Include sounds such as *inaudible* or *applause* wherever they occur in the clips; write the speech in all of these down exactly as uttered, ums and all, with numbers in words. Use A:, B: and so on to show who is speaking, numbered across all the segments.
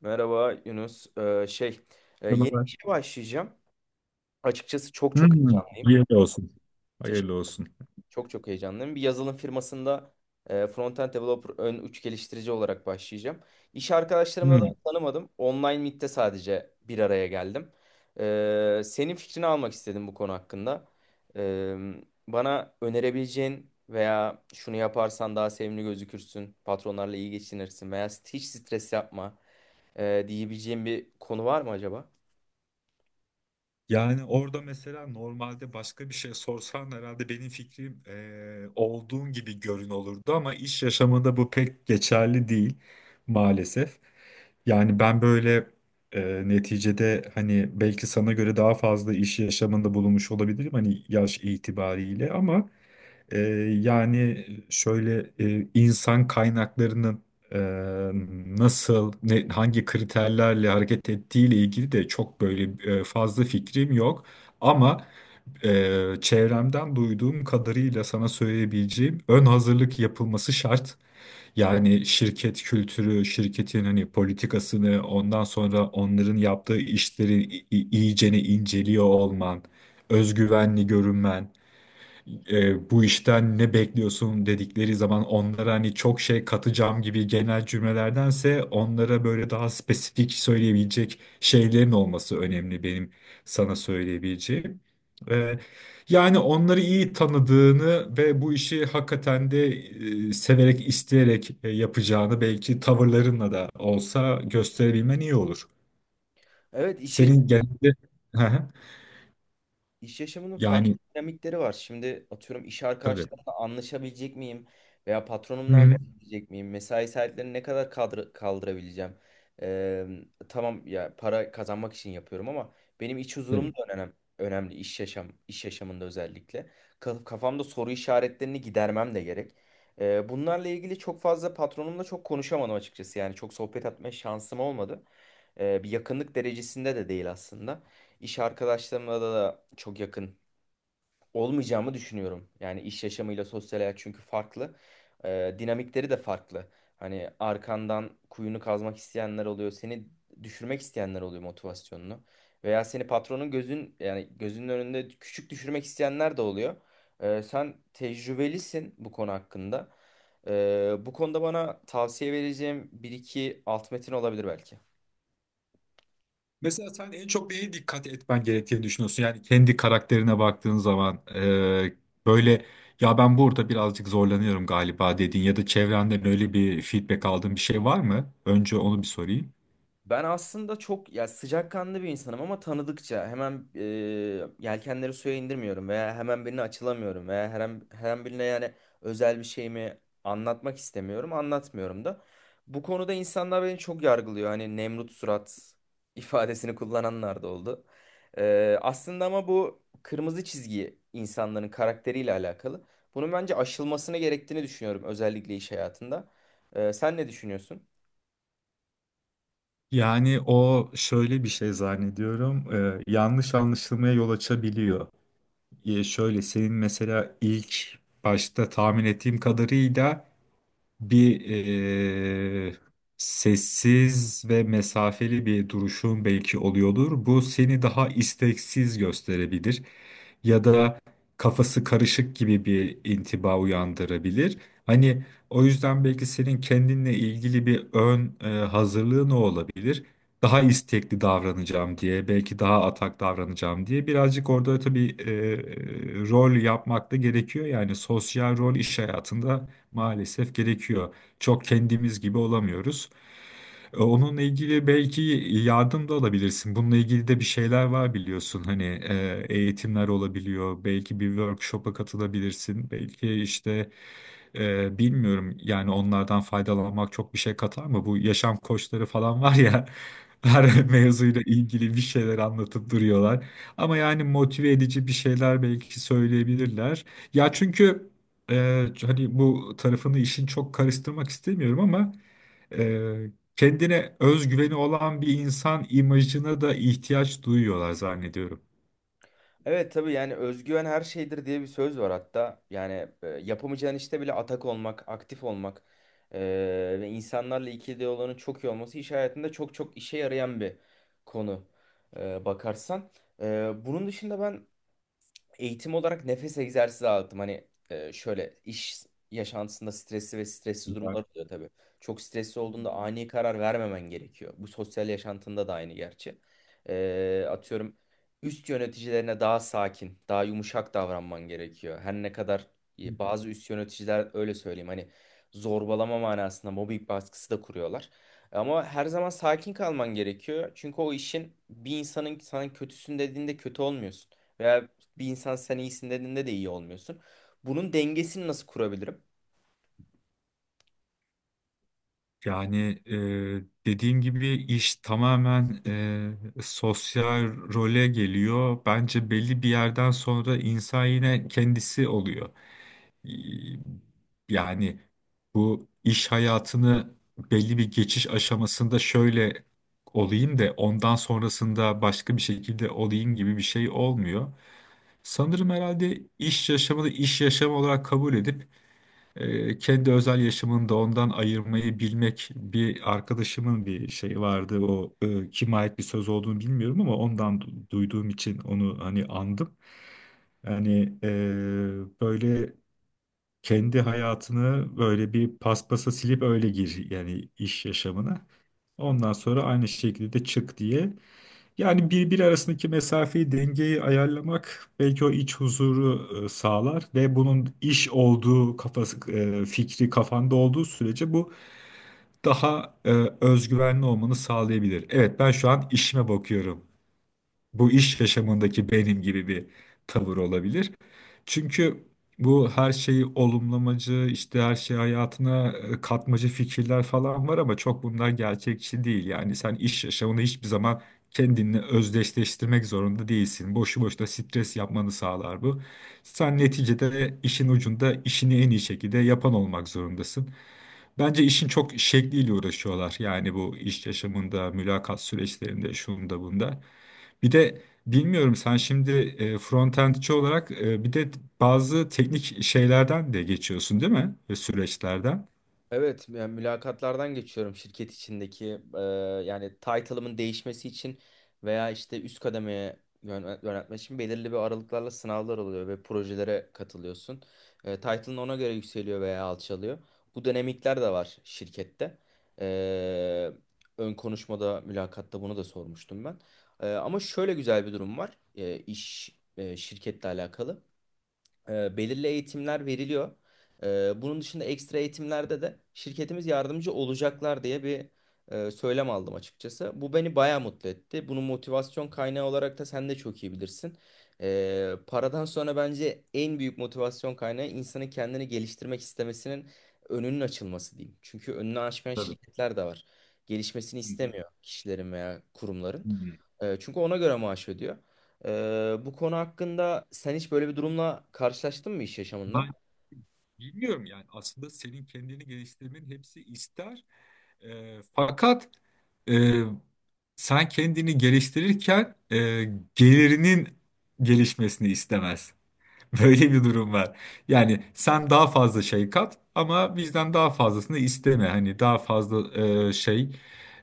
A: Merhaba Yunus. Ee, şey, e, yeni bir
B: Yanıma.
A: işe başlayacağım. Açıkçası çok çok
B: Hmm,
A: heyecanlıyım.
B: hayırlı olsun. Hayırlı
A: Teşekkür,
B: olsun.
A: çok çok heyecanlıyım. Bir yazılım firmasında e, end developer, ön uç geliştirici olarak başlayacağım. İş arkadaşlarımla da
B: Hmm.
A: tanımadım. Online Meet'te sadece bir araya geldim. Ee, senin fikrini almak istedim bu konu hakkında. Ee, Bana önerebileceğin veya şunu yaparsan daha sevimli gözükürsün, patronlarla iyi geçinirsin veya hiç stres yapma e, diyebileceğin bir konu var mı acaba?
B: Yani orada mesela normalde başka bir şey sorsan herhalde benim fikrim eee, olduğun gibi görün olurdu ama iş yaşamında bu pek geçerli değil maalesef. Yani ben böyle eee, neticede hani belki sana göre daha fazla iş yaşamında bulunmuş olabilirim hani yaş itibariyle ama Ee, yani şöyle e, insan kaynaklarının e, nasıl, ne- hangi kriterlerle hareket ettiği ile ilgili de çok böyle e, fazla fikrim yok. Ama e, çevremden duyduğum kadarıyla sana söyleyebileceğim ön hazırlık yapılması şart. Yani şirket kültürü, şirketin hani politikasını, ondan sonra onların yaptığı işleri i- i- iyicene inceliyor olman, özgüvenli görünmen e, bu işten ne bekliyorsun dedikleri zaman onlara hani çok şey katacağım gibi genel cümlelerdense onlara böyle daha spesifik söyleyebilecek şeylerin olması önemli benim sana söyleyebileceğim. E, Yani onları iyi tanıdığını ve bu işi hakikaten de e, severek, isteyerek e, yapacağını belki tavırlarınla da olsa gösterebilmen iyi olur.
A: Evet, iş, yaş-
B: Senin genelde *laughs*
A: iş yaşamının
B: yani
A: farklı dinamikleri var. Şimdi atıyorum iş
B: tabii.
A: arkadaşlarımla anlaşabilecek miyim? Veya
B: Hı
A: patronumla
B: hı.
A: anlaşabilecek miyim? Mesai saatlerini ne kadar kaldır kaldırabileceğim? Ee, tamam ya, para kazanmak için yapıyorum ama benim iç huzurum
B: Tabii.
A: da önemli. Önemli iş yaşam, iş yaşamında özellikle. Ka- Kafamda soru işaretlerini gidermem de gerek. Ee, bunlarla ilgili çok fazla patronumla çok konuşamadım açıkçası. Yani çok sohbet etme şansım olmadı. Ee, bir yakınlık derecesinde de değil aslında. İş arkadaşlarımla da, da çok yakın olmayacağımı düşünüyorum. Yani iş yaşamıyla sosyal hayat çünkü farklı. Ee, dinamikleri de farklı. Hani arkandan kuyunu kazmak isteyenler oluyor. Seni düşürmek isteyenler oluyor motivasyonunu. Veya seni patronun gözün yani gözünün önünde küçük düşürmek isteyenler de oluyor. Ee, sen tecrübelisin bu konu hakkında. Ee, bu konuda bana tavsiye vereceğim bir iki alt metin olabilir belki.
B: Mesela sen en çok neye dikkat etmen gerektiğini düşünüyorsun? Yani kendi karakterine baktığın zaman e, böyle ya ben burada birazcık zorlanıyorum galiba dediğin ya da çevrenden öyle bir feedback aldığın bir şey var mı? Önce onu bir sorayım.
A: Ben aslında çok ya sıcakkanlı bir insanım ama tanıdıkça hemen e, yelkenleri suya indirmiyorum veya hemen birine açılamıyorum veya her an, her an birine yani özel bir şeyimi anlatmak istemiyorum, anlatmıyorum da. Bu konuda insanlar beni çok yargılıyor. Hani Nemrut surat *laughs* ifadesini kullananlar da oldu. E, aslında ama bu kırmızı çizgi insanların karakteriyle alakalı. Bunun bence aşılmasını gerektiğini düşünüyorum özellikle iş hayatında. E, sen ne düşünüyorsun?
B: Yani o şöyle bir şey zannediyorum e, yanlış anlaşılmaya yol açabiliyor. E, şöyle senin mesela ilk başta tahmin ettiğim kadarıyla bir eee, sessiz ve mesafeli bir duruşun belki oluyordur. Bu seni daha isteksiz gösterebilir ya da kafası karışık gibi bir intiba uyandırabilir. Hani o yüzden belki senin kendinle ilgili bir ön e, hazırlığı ne olabilir? Daha istekli davranacağım diye, belki daha atak davranacağım diye birazcık orada tabii e, rol yapmak da gerekiyor. Yani sosyal rol iş hayatında maalesef gerekiyor. Çok kendimiz gibi olamıyoruz. E, Onunla ilgili belki yardım da alabilirsin. Bununla ilgili de bir şeyler var biliyorsun. Hani e, eğitimler olabiliyor. Belki bir workshop'a katılabilirsin. Belki işte e, bilmiyorum yani onlardan faydalanmak çok bir şey katar mı? Bu yaşam koçları falan var ya. *laughs* Her mevzuyla ilgili bir şeyler anlatıp duruyorlar. Ama yani motive edici bir şeyler belki söyleyebilirler. Ya çünkü e, hani bu tarafını işin çok karıştırmak istemiyorum ama e, kendine özgüveni olan bir insan imajına da ihtiyaç duyuyorlar zannediyorum.
A: Evet tabii, yani özgüven her şeydir diye bir söz var hatta. Yani e, yapamayacağın işte bile atak olmak, aktif olmak e, ve insanlarla ikili olanın çok iyi olması iş hayatında çok çok işe yarayan bir konu e, bakarsan. E, bunun dışında ben eğitim olarak nefes egzersizi aldım. Hani e, şöyle iş yaşantısında stresli ve stressiz
B: Ya-
A: durumlar oluyor tabii. Çok stresli olduğunda ani karar vermemen gerekiyor. Bu sosyal yaşantında da aynı gerçi. E, atıyorum üst yöneticilerine daha sakin, daha yumuşak davranman gerekiyor. Her ne kadar e, bazı üst yöneticiler öyle söyleyeyim hani zorbalama manasında mobbing baskısı da kuruyorlar. Ama her zaman sakin kalman gerekiyor. Çünkü o işin bir insanın sana kötüsün dediğinde kötü olmuyorsun. Veya bir insan sen iyisin dediğinde de iyi olmuyorsun. Bunun dengesini nasıl kurabilirim?
B: Yani e, dediğim gibi iş tamamen e, sosyal role geliyor. Bence belli bir yerden sonra insan yine kendisi oluyor. e, Yani bu iş hayatını belli bir geçiş aşamasında şöyle olayım da ondan sonrasında başka bir şekilde olayım gibi bir şey olmuyor. Sanırım herhalde iş yaşamını iş yaşamı olarak kabul edip e, kendi özel yaşamını da ondan ayırmayı bilmek bir arkadaşımın bir şeyi vardı. O e, kime ait bir söz olduğunu bilmiyorum ama ondan du- duyduğum için onu hani andım. Yani e, böyle kendi hayatını böyle bir paspasa silip öyle gir yani iş yaşamına. Ondan sonra aynı şekilde de çık diye. Yani birbiri arasındaki mesafeyi, dengeyi ayarlamak belki o iç huzuru e, sağlar ve bunun iş olduğu kafası, e, fikri kafanda olduğu sürece bu daha e, özgüvenli olmanı sağlayabilir. Evet ben şu an işime bakıyorum bu iş yaşamındaki benim gibi bir tavır olabilir. Çünkü bu her şeyi olumlamacı, işte her şeyi hayatına e, katmacı fikirler falan var ama çok bunlar gerçekçi değil. Yani sen iş yaşamını hiçbir zaman kendinle özdeşleştirmek zorunda değilsin. Boşu boşuna stres yapmanı sağlar bu. Sen neticede işin ucunda işini en iyi şekilde yapan olmak zorundasın. Bence işin çok şekliyle uğraşıyorlar. Yani bu iş yaşamında, mülakat süreçlerinde, şunda bunda. Bir de bilmiyorum sen şimdi e, frontendçi olarak e, bir de bazı teknik şeylerden de geçiyorsun değil mi? Ve süreçlerden.
A: Evet, yani mülakatlardan geçiyorum şirket içindeki e, yani title'ımın değişmesi için veya işte üst kademeye yön- yöneltmek için belirli bir aralıklarla sınavlar oluyor ve projelere katılıyorsun. E, title'ın ona göre yükseliyor veya alçalıyor. Bu dinamikler de var şirkette. E, Ön konuşmada, mülakatta bunu da sormuştum ben. E, ama şöyle güzel bir durum var. E, iş e, şirketle alakalı. E, belirli eğitimler veriliyor. E, bunun dışında ekstra eğitimlerde de şirketimiz yardımcı olacaklar diye bir e, söylem aldım açıkçası. Bu beni bayağı mutlu etti. Bunun motivasyon kaynağı olarak da sen de çok iyi bilirsin. E, paradan sonra bence en büyük motivasyon kaynağı insanın kendini geliştirmek istemesinin önünün açılması diyeyim. Çünkü önünü açmayan
B: Tabii.
A: şirketler de var. Gelişmesini
B: Hı hı.
A: istemiyor kişilerin veya
B: Hı.
A: kurumların.
B: hı.
A: E, çünkü ona göre maaş ödüyor. Ee, bu konu hakkında sen hiç böyle bir durumla karşılaştın mı iş yaşamında?
B: Ben bilmiyorum yani aslında senin kendini geliştirmenin hepsi ister. E, fakat e, sen kendini geliştirirken e, gelirinin gelişmesini istemez. *laughs* Böyle bir durum var. Yani sen daha fazla şey kat ama bizden daha fazlasını isteme. Hani daha fazla e, şey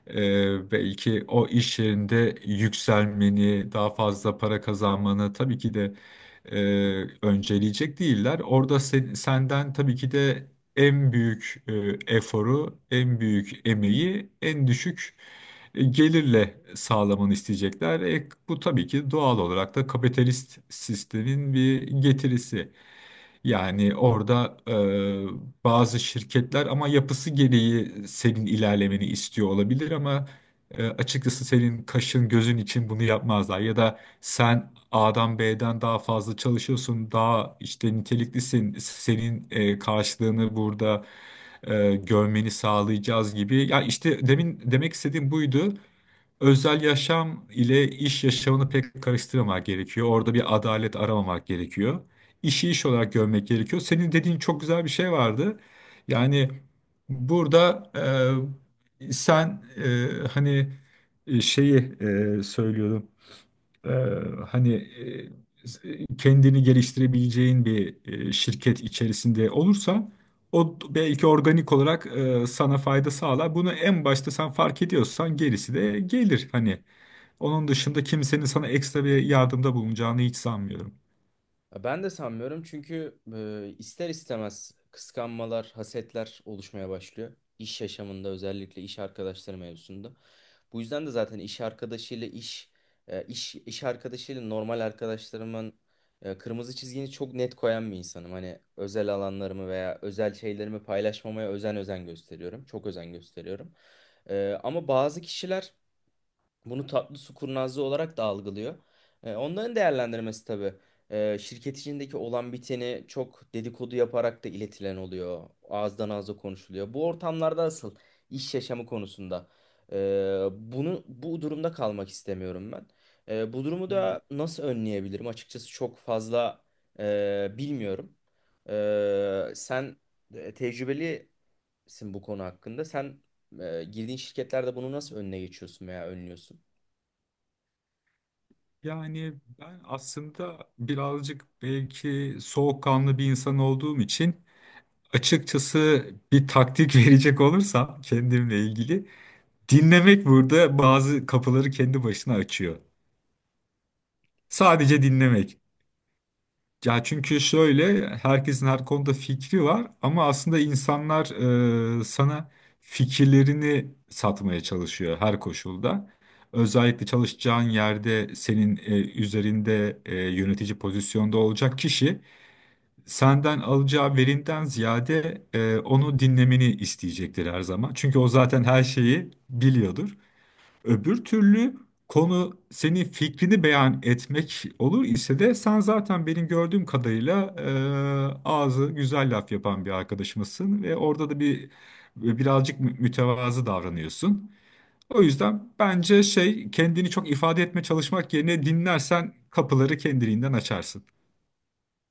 B: e, belki o iş yerinde yükselmeni, daha fazla para kazanmanı tabii ki de e, önceleyecek değiller. Orada sen- senden tabii ki de en büyük e, eforu, en büyük emeği, en düşük e, gelirle sağlamanı isteyecekler. E, bu tabii ki doğal olarak da kapitalist sistemin bir getirisi. Yani orada e, bazı şirketler ama yapısı gereği senin ilerlemeni istiyor olabilir ama e, açıkçası senin kaşın gözün için bunu yapmazlar. Ya da sen A'dan B'den daha fazla çalışıyorsun, daha işte niteliklisin, senin e, karşılığını burada e, görmeni sağlayacağız gibi. Ya işte demin demek istediğim buydu özel yaşam ile iş yaşamını pek karıştırmamak gerekiyor. Orada bir adalet aramamak gerekiyor. İşi iş olarak görmek gerekiyor. Senin dediğin çok güzel bir şey vardı. Yani burada e, sen e, hani e, şeyi e, söylüyordum e, hani e, kendini geliştirebileceğin bir e, şirket içerisinde olursa o belki organik olarak e, sana fayda sağlar. Bunu en başta sen fark ediyorsan gerisi de gelir. Hani onun dışında kimsenin sana ekstra bir yardımda bulunacağını hiç sanmıyorum.
A: Ben de sanmıyorum çünkü e, ister istemez kıskanmalar, hasetler oluşmaya başlıyor. İş yaşamında özellikle iş arkadaşları mevzusunda. Bu yüzden de zaten iş arkadaşıyla iş, e, iş, iş arkadaşıyla normal arkadaşlarımın e, kırmızı çizgini çok net koyan bir insanım. Hani özel alanlarımı veya özel şeylerimi paylaşmamaya özen özen gösteriyorum. Çok özen gösteriyorum. Ee, ama bazı kişiler bunu tatlı su kurnazlığı olarak da algılıyor. E, onların değerlendirmesi tabii. E, şirket içindeki olan biteni çok dedikodu yaparak da iletilen oluyor. Ağızdan ağza konuşuluyor. Bu ortamlarda asıl iş yaşamı konusunda. e, Bunu bu durumda kalmak istemiyorum ben. E, bu durumu
B: Hmm.
A: da nasıl önleyebilirim? Açıkçası çok fazla e, bilmiyorum. E, sen e, tecrübelisin bu konu hakkında. Sen e, girdiğin şirketlerde bunu nasıl önüne geçiyorsun veya önlüyorsun?
B: Yani ben aslında birazcık belki soğukkanlı bir insan olduğum için açıkçası bir taktik *laughs* verecek olursam kendimle ilgili dinlemek burada bazı kapıları kendi başına açıyor. Sadece dinlemek. Ya çünkü şöyle herkesin her konuda fikri var ama aslında insanlar e, sana fikirlerini satmaya çalışıyor her koşulda. Özellikle çalışacağın yerde senin e, üzerinde e, yönetici pozisyonda olacak kişi senden alacağı verinden ziyade e, onu dinlemeni isteyecektir her zaman. Çünkü o zaten her şeyi biliyordur. Öbür türlü konu senin fikrini beyan etmek olur ise de sen zaten benim gördüğüm kadarıyla e, ağzı güzel laf yapan bir arkadaşımızsın ve orada da bir birazcık mü- mütevazı davranıyorsun. O yüzden bence şey kendini çok ifade etme çalışmak yerine dinlersen kapıları kendiliğinden açarsın.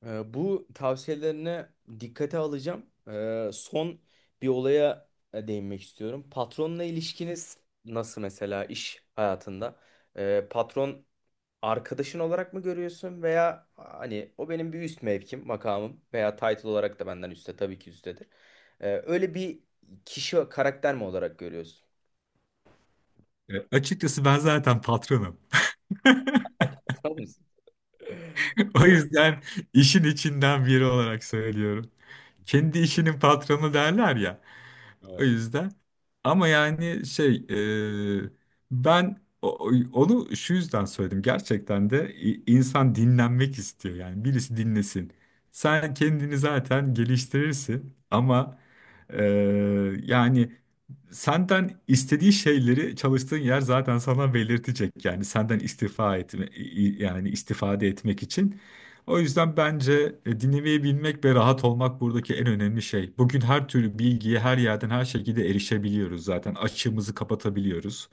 A: Ee, bu tavsiyelerine dikkate alacağım. Ee, son bir olaya e, değinmek istiyorum. Patronla ilişkiniz nasıl mesela iş hayatında? Ee, patron arkadaşın olarak mı görüyorsun veya hani o benim bir üst mevkim, makamım veya title olarak da benden üstte tabii ki üsttedir. Ee, öyle bir kişi karakter mi olarak görüyorsun?
B: E, açıkçası ben zaten patronum. *laughs*
A: *laughs* Tamam mısın?
B: O yüzden işin içinden biri olarak söylüyorum. Kendi işinin patronu derler ya. O
A: Evet.
B: yüzden. Ama yani şey e, ben o- onu şu yüzden söyledim. Gerçekten de i- insan dinlenmek istiyor yani birisi dinlesin. Sen kendini zaten geliştirirsin ama e, yani senden istediği şeyleri çalıştığın yer zaten sana belirtecek. Yani senden istifa etme i- yani istifade etmek için. O yüzden bence e, dinlemeyi bilmek ve rahat olmak buradaki en önemli şey. Bugün her türlü bilgiye her yerden her şekilde erişebiliyoruz zaten. Açığımızı kapatabiliyoruz.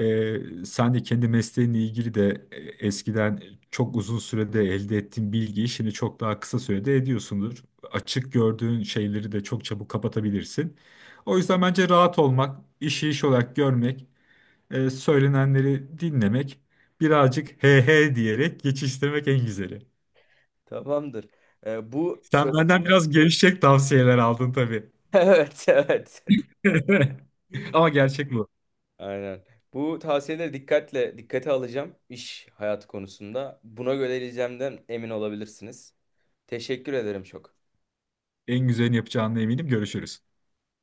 B: Ee, sen de kendi mesleğinle ilgili de e, eskiden çok uzun sürede elde ettiğin bilgiyi şimdi çok daha kısa sürede ediyorsundur. Açık gördüğün şeyleri de çok çabuk kapatabilirsin. O yüzden bence rahat olmak, işi iş olarak görmek, e, söylenenleri dinlemek, birazcık he he diyerek geçiştirmek en güzeli.
A: Tamamdır. Ee, bu
B: Sen
A: sö-
B: benden biraz gevşek tavsiyeler aldın tabii.
A: *laughs* Evet, evet.
B: *laughs* Ama gerçek bu.
A: Aynen. Bu tavsiyeleri dikkatle dikkate alacağım iş hayatı konusunda. Buna göre geleceğimden emin olabilirsiniz. Teşekkür ederim çok.
B: En güzelini yapacağına eminim. Görüşürüz.